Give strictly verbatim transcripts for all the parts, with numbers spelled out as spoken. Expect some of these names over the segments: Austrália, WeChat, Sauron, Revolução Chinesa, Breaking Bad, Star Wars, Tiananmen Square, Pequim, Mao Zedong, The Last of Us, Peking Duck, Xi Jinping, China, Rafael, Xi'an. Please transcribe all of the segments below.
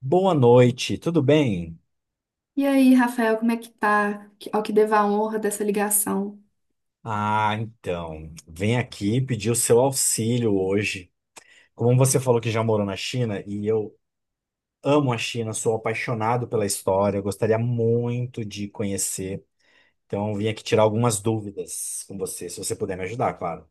Boa noite, tudo bem? E aí, Rafael, como é que tá? Que- Ao que devo a honra dessa ligação. Ah, então, vem aqui pedir o seu auxílio hoje. Como você falou que já morou na China, e eu amo a China, sou apaixonado pela história, gostaria muito de conhecer. Então, vim aqui tirar algumas dúvidas com você, se você puder me ajudar, claro.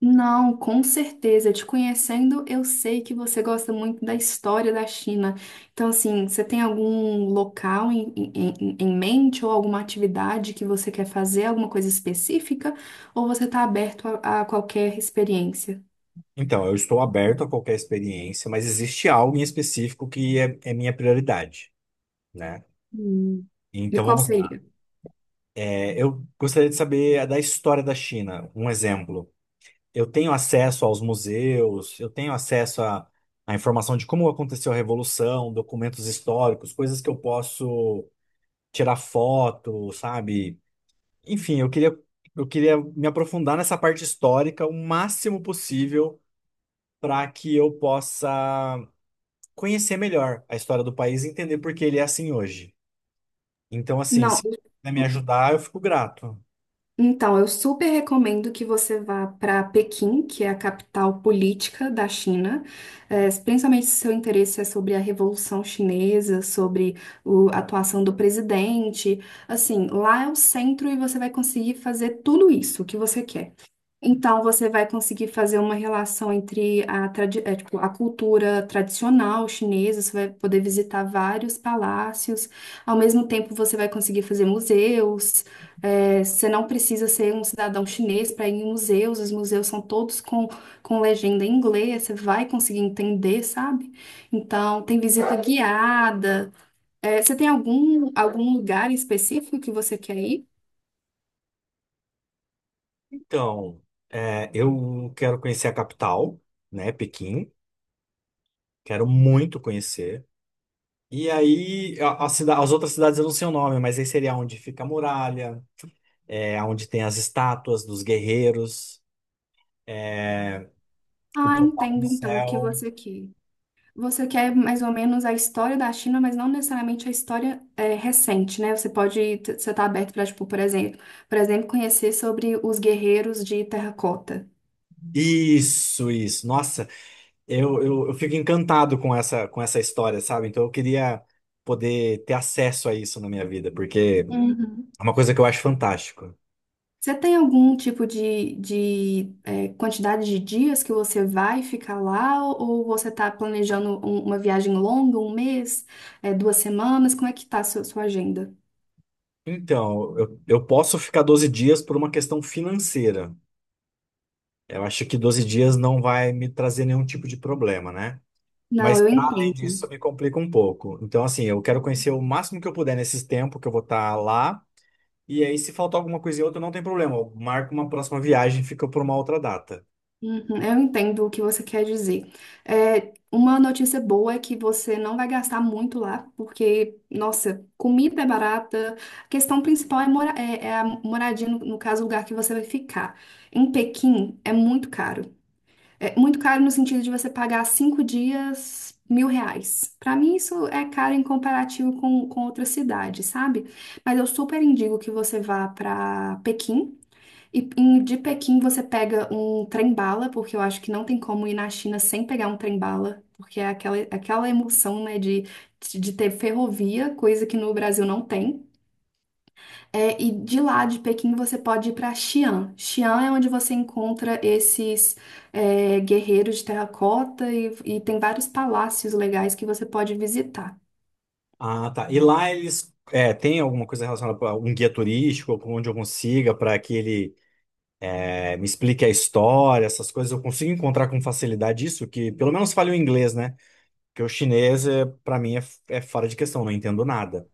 Não, com certeza. Te conhecendo, eu sei que você gosta muito da história da China. Então, assim, você tem algum local em, em, em em mente ou alguma atividade que você quer fazer, alguma coisa específica? Ou você está aberto a, a qualquer experiência? Então, eu estou aberto a qualquer experiência, mas existe algo em específico que é, é minha prioridade, né? Hum. E Então, qual vamos lá. seria? É, eu gostaria de saber da história da China, um exemplo. Eu tenho acesso aos museus, eu tenho acesso à, à informação de como aconteceu a Revolução, documentos históricos, coisas que eu posso tirar foto, sabe? Enfim, eu queria, eu queria me aprofundar nessa parte histórica o máximo possível para que eu possa conhecer melhor a história do país e entender por que ele é assim hoje. Então, assim, Não. se puder me ajudar, eu fico grato. Então, eu super recomendo que você vá para Pequim, que é a capital política da China, eh, principalmente se seu interesse é sobre a Revolução Chinesa, sobre o- a atuação do presidente. Assim, lá é o centro e você vai conseguir fazer tudo isso que você quer. Então, você vai conseguir fazer uma relação entre a, tradi- é, tipo, a cultura tradicional chinesa, você vai poder visitar vários palácios, ao mesmo tempo você vai conseguir fazer museus. É, você não precisa ser um cidadão chinês para ir em museus, os museus são todos com, com legenda em inglês, você vai conseguir entender, sabe? Então, tem visita guiada. É, você tem algum, algum lugar específico que você quer ir? Então, é, eu quero conhecer a capital, né, Pequim. Quero muito conhecer. E aí, a, a cida- as outras cidades eu não sei o nome, mas aí seria onde fica a muralha, é, onde tem as estátuas dos guerreiros, o Ah, portal do entendo então o que céu. você quer. Você quer mais ou menos a história da China, mas não necessariamente a história é, recente, né? Você pode, t- você tá aberto para, tipo, por exemplo, por exemplo, conhecer sobre os guerreiros de terracota. Isso, isso. Nossa, eu, eu, eu fico encantado com essa, com essa história, sabe? Então eu queria poder ter acesso a isso na minha vida, porque Uhum. é uma coisa que eu acho fantástico. Você tem algum tipo de, de é, quantidade de dias que você vai ficar lá, ou, ou você está planejando um- uma viagem longa, um mês, é, duas semanas? Como é que tá a sua, sua agenda? Então, eu, eu posso ficar doze dias por uma questão financeira. Eu acho que doze dias não vai me trazer nenhum tipo de problema, né? Não, Mas, eu pra além disso, entendo. me complica um pouco. Então, assim, eu quero conhecer o máximo que eu puder nesses tempos que eu vou estar lá. E aí, se faltar alguma coisa e outra, não tem problema. Eu marco uma próxima viagem, fica por uma outra data. Uhum, eu entendo o que você quer dizer. É, uma notícia boa é que você não vai gastar muito lá, porque, nossa, comida é barata. A questão principal é, mora é, é a moradia, no, no caso, o lugar que você vai ficar. Em Pequim, é muito caro. É muito caro no sentido de você pagar cinco dias mil reais. Para mim, isso é caro em comparativo com, com outras cidades, sabe? Mas eu super indico que você vá para Pequim. E em- de Pequim você pega um trem-bala, porque eu acho que não tem como ir na China sem pegar um trem-bala, porque é aquela, aquela emoção, né, de, de ter ferrovia, coisa que no Brasil não tem. É, e de lá de Pequim você pode ir para Xi'an. Xi'an é onde você encontra esses é, guerreiros de terracota e, e tem vários palácios legais que você pode visitar. Ah, tá. E lá eles. É, tem alguma coisa relacionada a um guia turístico, onde eu consiga, para que ele é, me explique a história, essas coisas, eu consigo encontrar com facilidade isso, que pelo menos fale o inglês, né? Porque o chinês, é, para mim, é, é fora de questão, não entendo nada.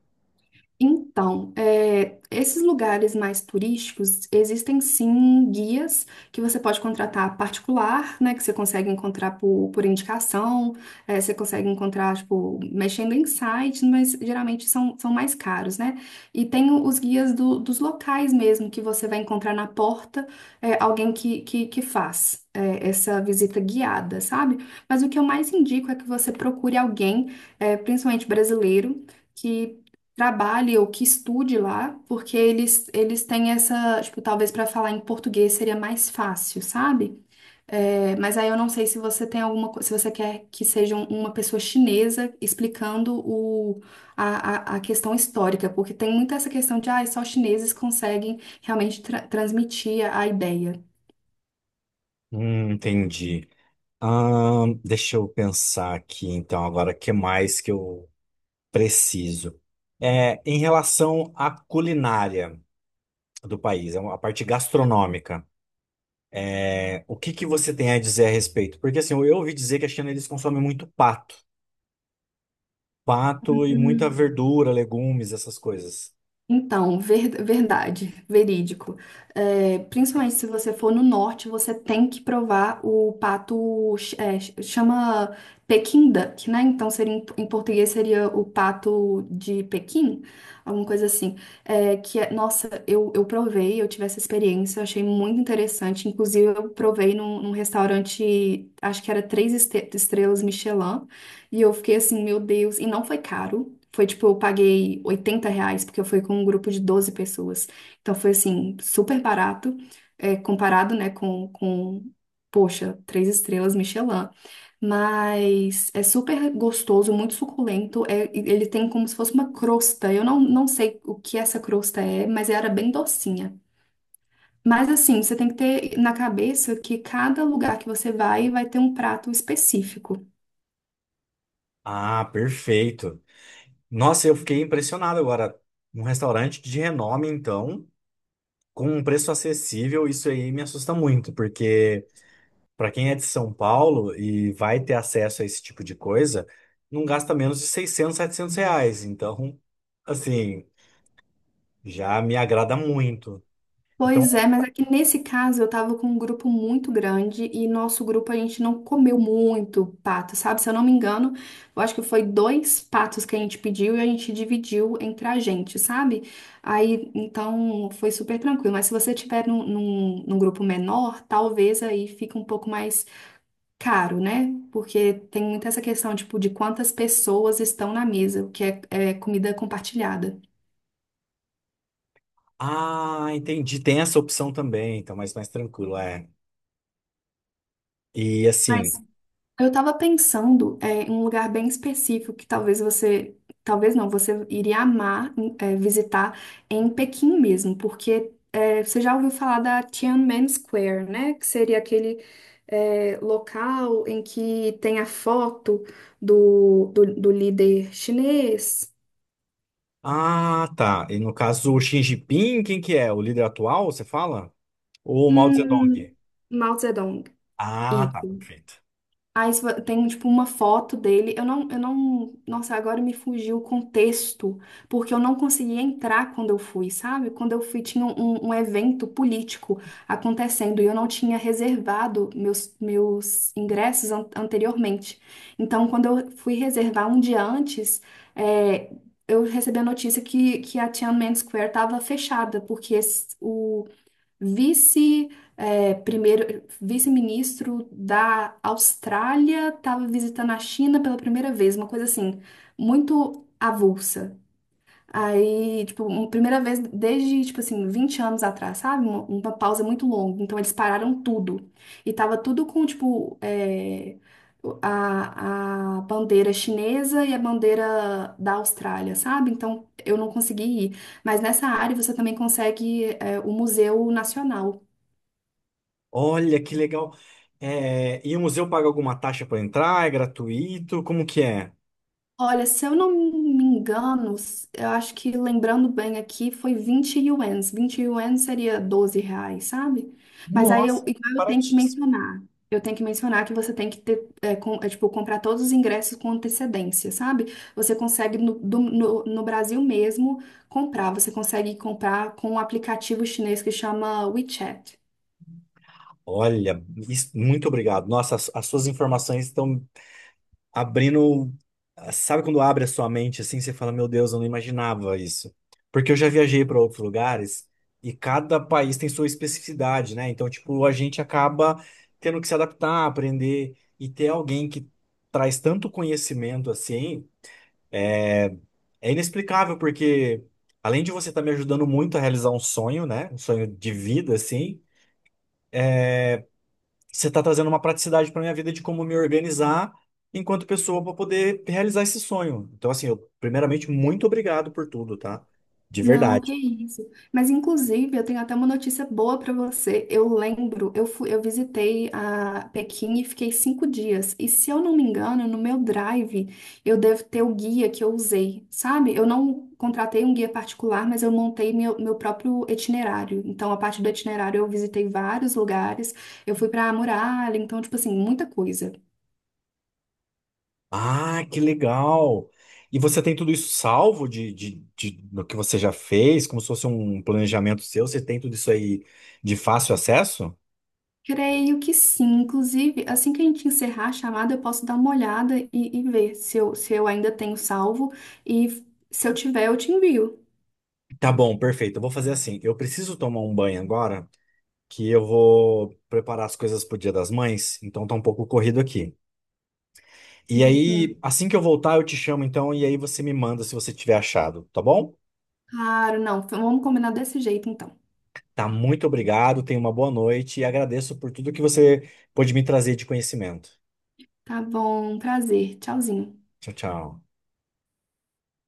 Então, é, esses lugares mais turísticos, existem sim guias que você pode contratar particular, né? Que você consegue encontrar por, por indicação. É, você consegue encontrar, tipo, mexendo em sites, mas geralmente são, são mais caros, né? E tem o- os guias do- dos locais mesmo, que você vai encontrar na porta, é, alguém que, que, que faz é, Essa visita guiada, sabe? Mas o que eu mais indico é que você procure alguém, é, principalmente brasileiro, que trabalhe ou que estude lá, porque eles, eles têm essa, tipo, talvez para falar em português seria mais fácil, sabe? É, mas aí eu não sei se você tem alguma, co- se você quer que seja um- uma pessoa chinesa explicando o, a, a, a questão histórica, porque tem muito essa questão de, ah, só chineses conseguem realmente tra- transmitir a a ideia. Hum, entendi. Ahn, deixa eu pensar aqui, então, agora, o que mais que eu preciso? É, em relação à culinária do país, a parte gastronômica, é, o que que você tem a dizer a respeito? Porque, assim, eu ouvi dizer que a China, eles consomem muito pato. Pato e muita verdura, legumes, essas coisas. Então, ver- verdade, verídico. É, principalmente se você for no norte, você tem que provar o pato. É, chama Peking Duck, né? Então, seria, em em português seria o pato de Pequim, alguma coisa assim. É, que é, nossa, eu, eu provei, eu tive essa experiência, eu achei muito interessante. Inclusive, eu provei num, num restaurante, acho que era três este- estrelas Michelin. E eu fiquei assim, meu Deus. E não foi caro. Foi tipo, eu paguei oitenta reais, porque eu fui com um grupo de doze pessoas. Então foi assim, super barato, é, comparado, né, com, com, poxa, três estrelas Michelin. Mas é super gostoso, muito suculento. É, e ele tem como se fosse uma crosta. Eu não, não sei o que essa crosta é, mas era bem docinha. Mas assim, você tem que ter na cabeça que cada lugar que você vai vai ter um prato específico. Ah, perfeito. Nossa, eu fiquei impressionado agora. Um restaurante de renome, então. Com um preço acessível, isso aí me assusta muito, porque para quem é de São Paulo e vai ter acesso a esse tipo de coisa, não gasta menos de seiscentos setecentos reais. Então, assim, já me agrada muito. Então, Pois é, mas aqui nesse caso eu tava com um grupo muito grande e nosso grupo a gente não comeu muito pato, sabe? Se eu não me engano, eu acho que foi dois patos que a gente pediu e a gente dividiu entre a gente, sabe? Aí então foi super tranquilo. Mas se você tiver num, num, num grupo menor, talvez aí fique um pouco mais caro, né? Porque tem muito essa questão, tipo, de quantas pessoas estão na mesa, o que é é comida compartilhada. ah, entendi, tem essa opção também, então mais mais tranquilo, é. E assim, Mas eu estava pensando é, em um lugar bem específico que talvez você, talvez não, você iria amar em- é, visitar em Pequim mesmo, porque é, você já ouviu falar da Tiananmen Square, né? Que seria aquele é, local em que tem a foto do, do, do líder chinês, ah, tá. E no caso, o Xi Jinping, quem que é? O líder atual, você fala? Ou o Mao Zedong? hum, Mao Zedong. Ah, tá, Isso. perfeito. Aí se vo- tem, tipo, uma foto dele. Eu não, eu não. Nossa, agora me fugiu o contexto, porque eu não consegui entrar quando eu fui, sabe? Quando eu fui, tinha um, um evento político acontecendo e eu não tinha reservado meus, meus ingressos an- anteriormente. Então, quando eu fui reservar um dia antes, é, eu recebi a notícia que, que a Tiananmen Square estava fechada, porque esse- o vice, eh, primeiro, vice-ministro da Austrália estava visitando a China pela primeira vez, uma coisa assim, muito avulsa. Aí, tipo, uma primeira vez desde, tipo assim, vinte anos atrás, sabe? Uma, uma pausa muito longa. Então, eles pararam tudo. E tava tudo com, tipo, eh, a, a bandeira chinesa e a bandeira da Austrália, sabe? Então, eu não consegui ir. Mas nessa área você também consegue é, o Museu Nacional. Olha que legal. É, e o museu paga alguma taxa para entrar? É gratuito? Como que é? Olha, se eu não me engano, s- eu acho que lembrando bem aqui, foi vinte ienes. Vinte ienes seria doze reais, sabe? Mas aí eu, Nossa, igual eu tenho que baratíssimo. mencionar. Eu tenho que mencionar que você tem que ter, é, com- é, tipo, comprar todos os ingressos com antecedência, sabe? Você consegue no, do- no, no Brasil mesmo comprar. Você consegue comprar com um aplicativo chinês que chama WeChat. Olha, isso- muito obrigado. Nossa, as, as suas informações estão abrindo. Sabe quando abre a sua mente assim, você fala, meu Deus, eu não imaginava isso. Porque eu já viajei para outros lugares e cada país tem sua especificidade, né? Então, tipo, a gente acaba tendo que se adaptar, aprender e ter alguém que traz tanto conhecimento assim. É inexplicável, porque além de você estar me ajudando muito a realizar um sonho, né? Um sonho de vida, assim, você está trazendo uma praticidade para minha vida de como me organizar enquanto pessoa para poder realizar esse sonho. Então, assim, eu, primeiramente, muito obrigado por tudo, tá? De Não, que verdade. isso. Mas inclusive, eu tenho até uma notícia boa para você. Eu lembro, eu fui, eu visitei a Pequim e fiquei cinco dias. E se eu não me engano, no meu Drive, eu devo ter o guia que eu usei, sabe? Eu não contratei um guia particular, mas eu montei meu, meu próprio itinerário. Então, a partir do itinerário, eu visitei vários lugares. Eu fui para a muralha, então, tipo assim, muita coisa. Ah, que legal! E você tem tudo isso salvo de, de, de- do que você já fez, como se fosse um planejamento seu? Você tem tudo isso aí de fácil acesso? Creio que sim. Inclusive, assim que a gente encerrar a chamada, eu posso dar uma olhada e, e ver se eu, se eu ainda tenho salvo. E se eu tiver, eu te envio. Tá bom, perfeito. Eu vou fazer assim. Eu preciso tomar um banho agora. Que eu vou preparar as coisas pro Dia das Mães, então tá um pouco corrido aqui. E aí, Uhum. assim que eu voltar, eu te chamo então, e aí você me manda se você tiver achado, tá bom? Claro, não. Vamos combinar desse jeito, então. Tá, muito obrigado, tenha uma boa noite e agradeço por tudo que você pôde me trazer de conhecimento. Tá bom, prazer. Tchauzinho. Tchau, tchau.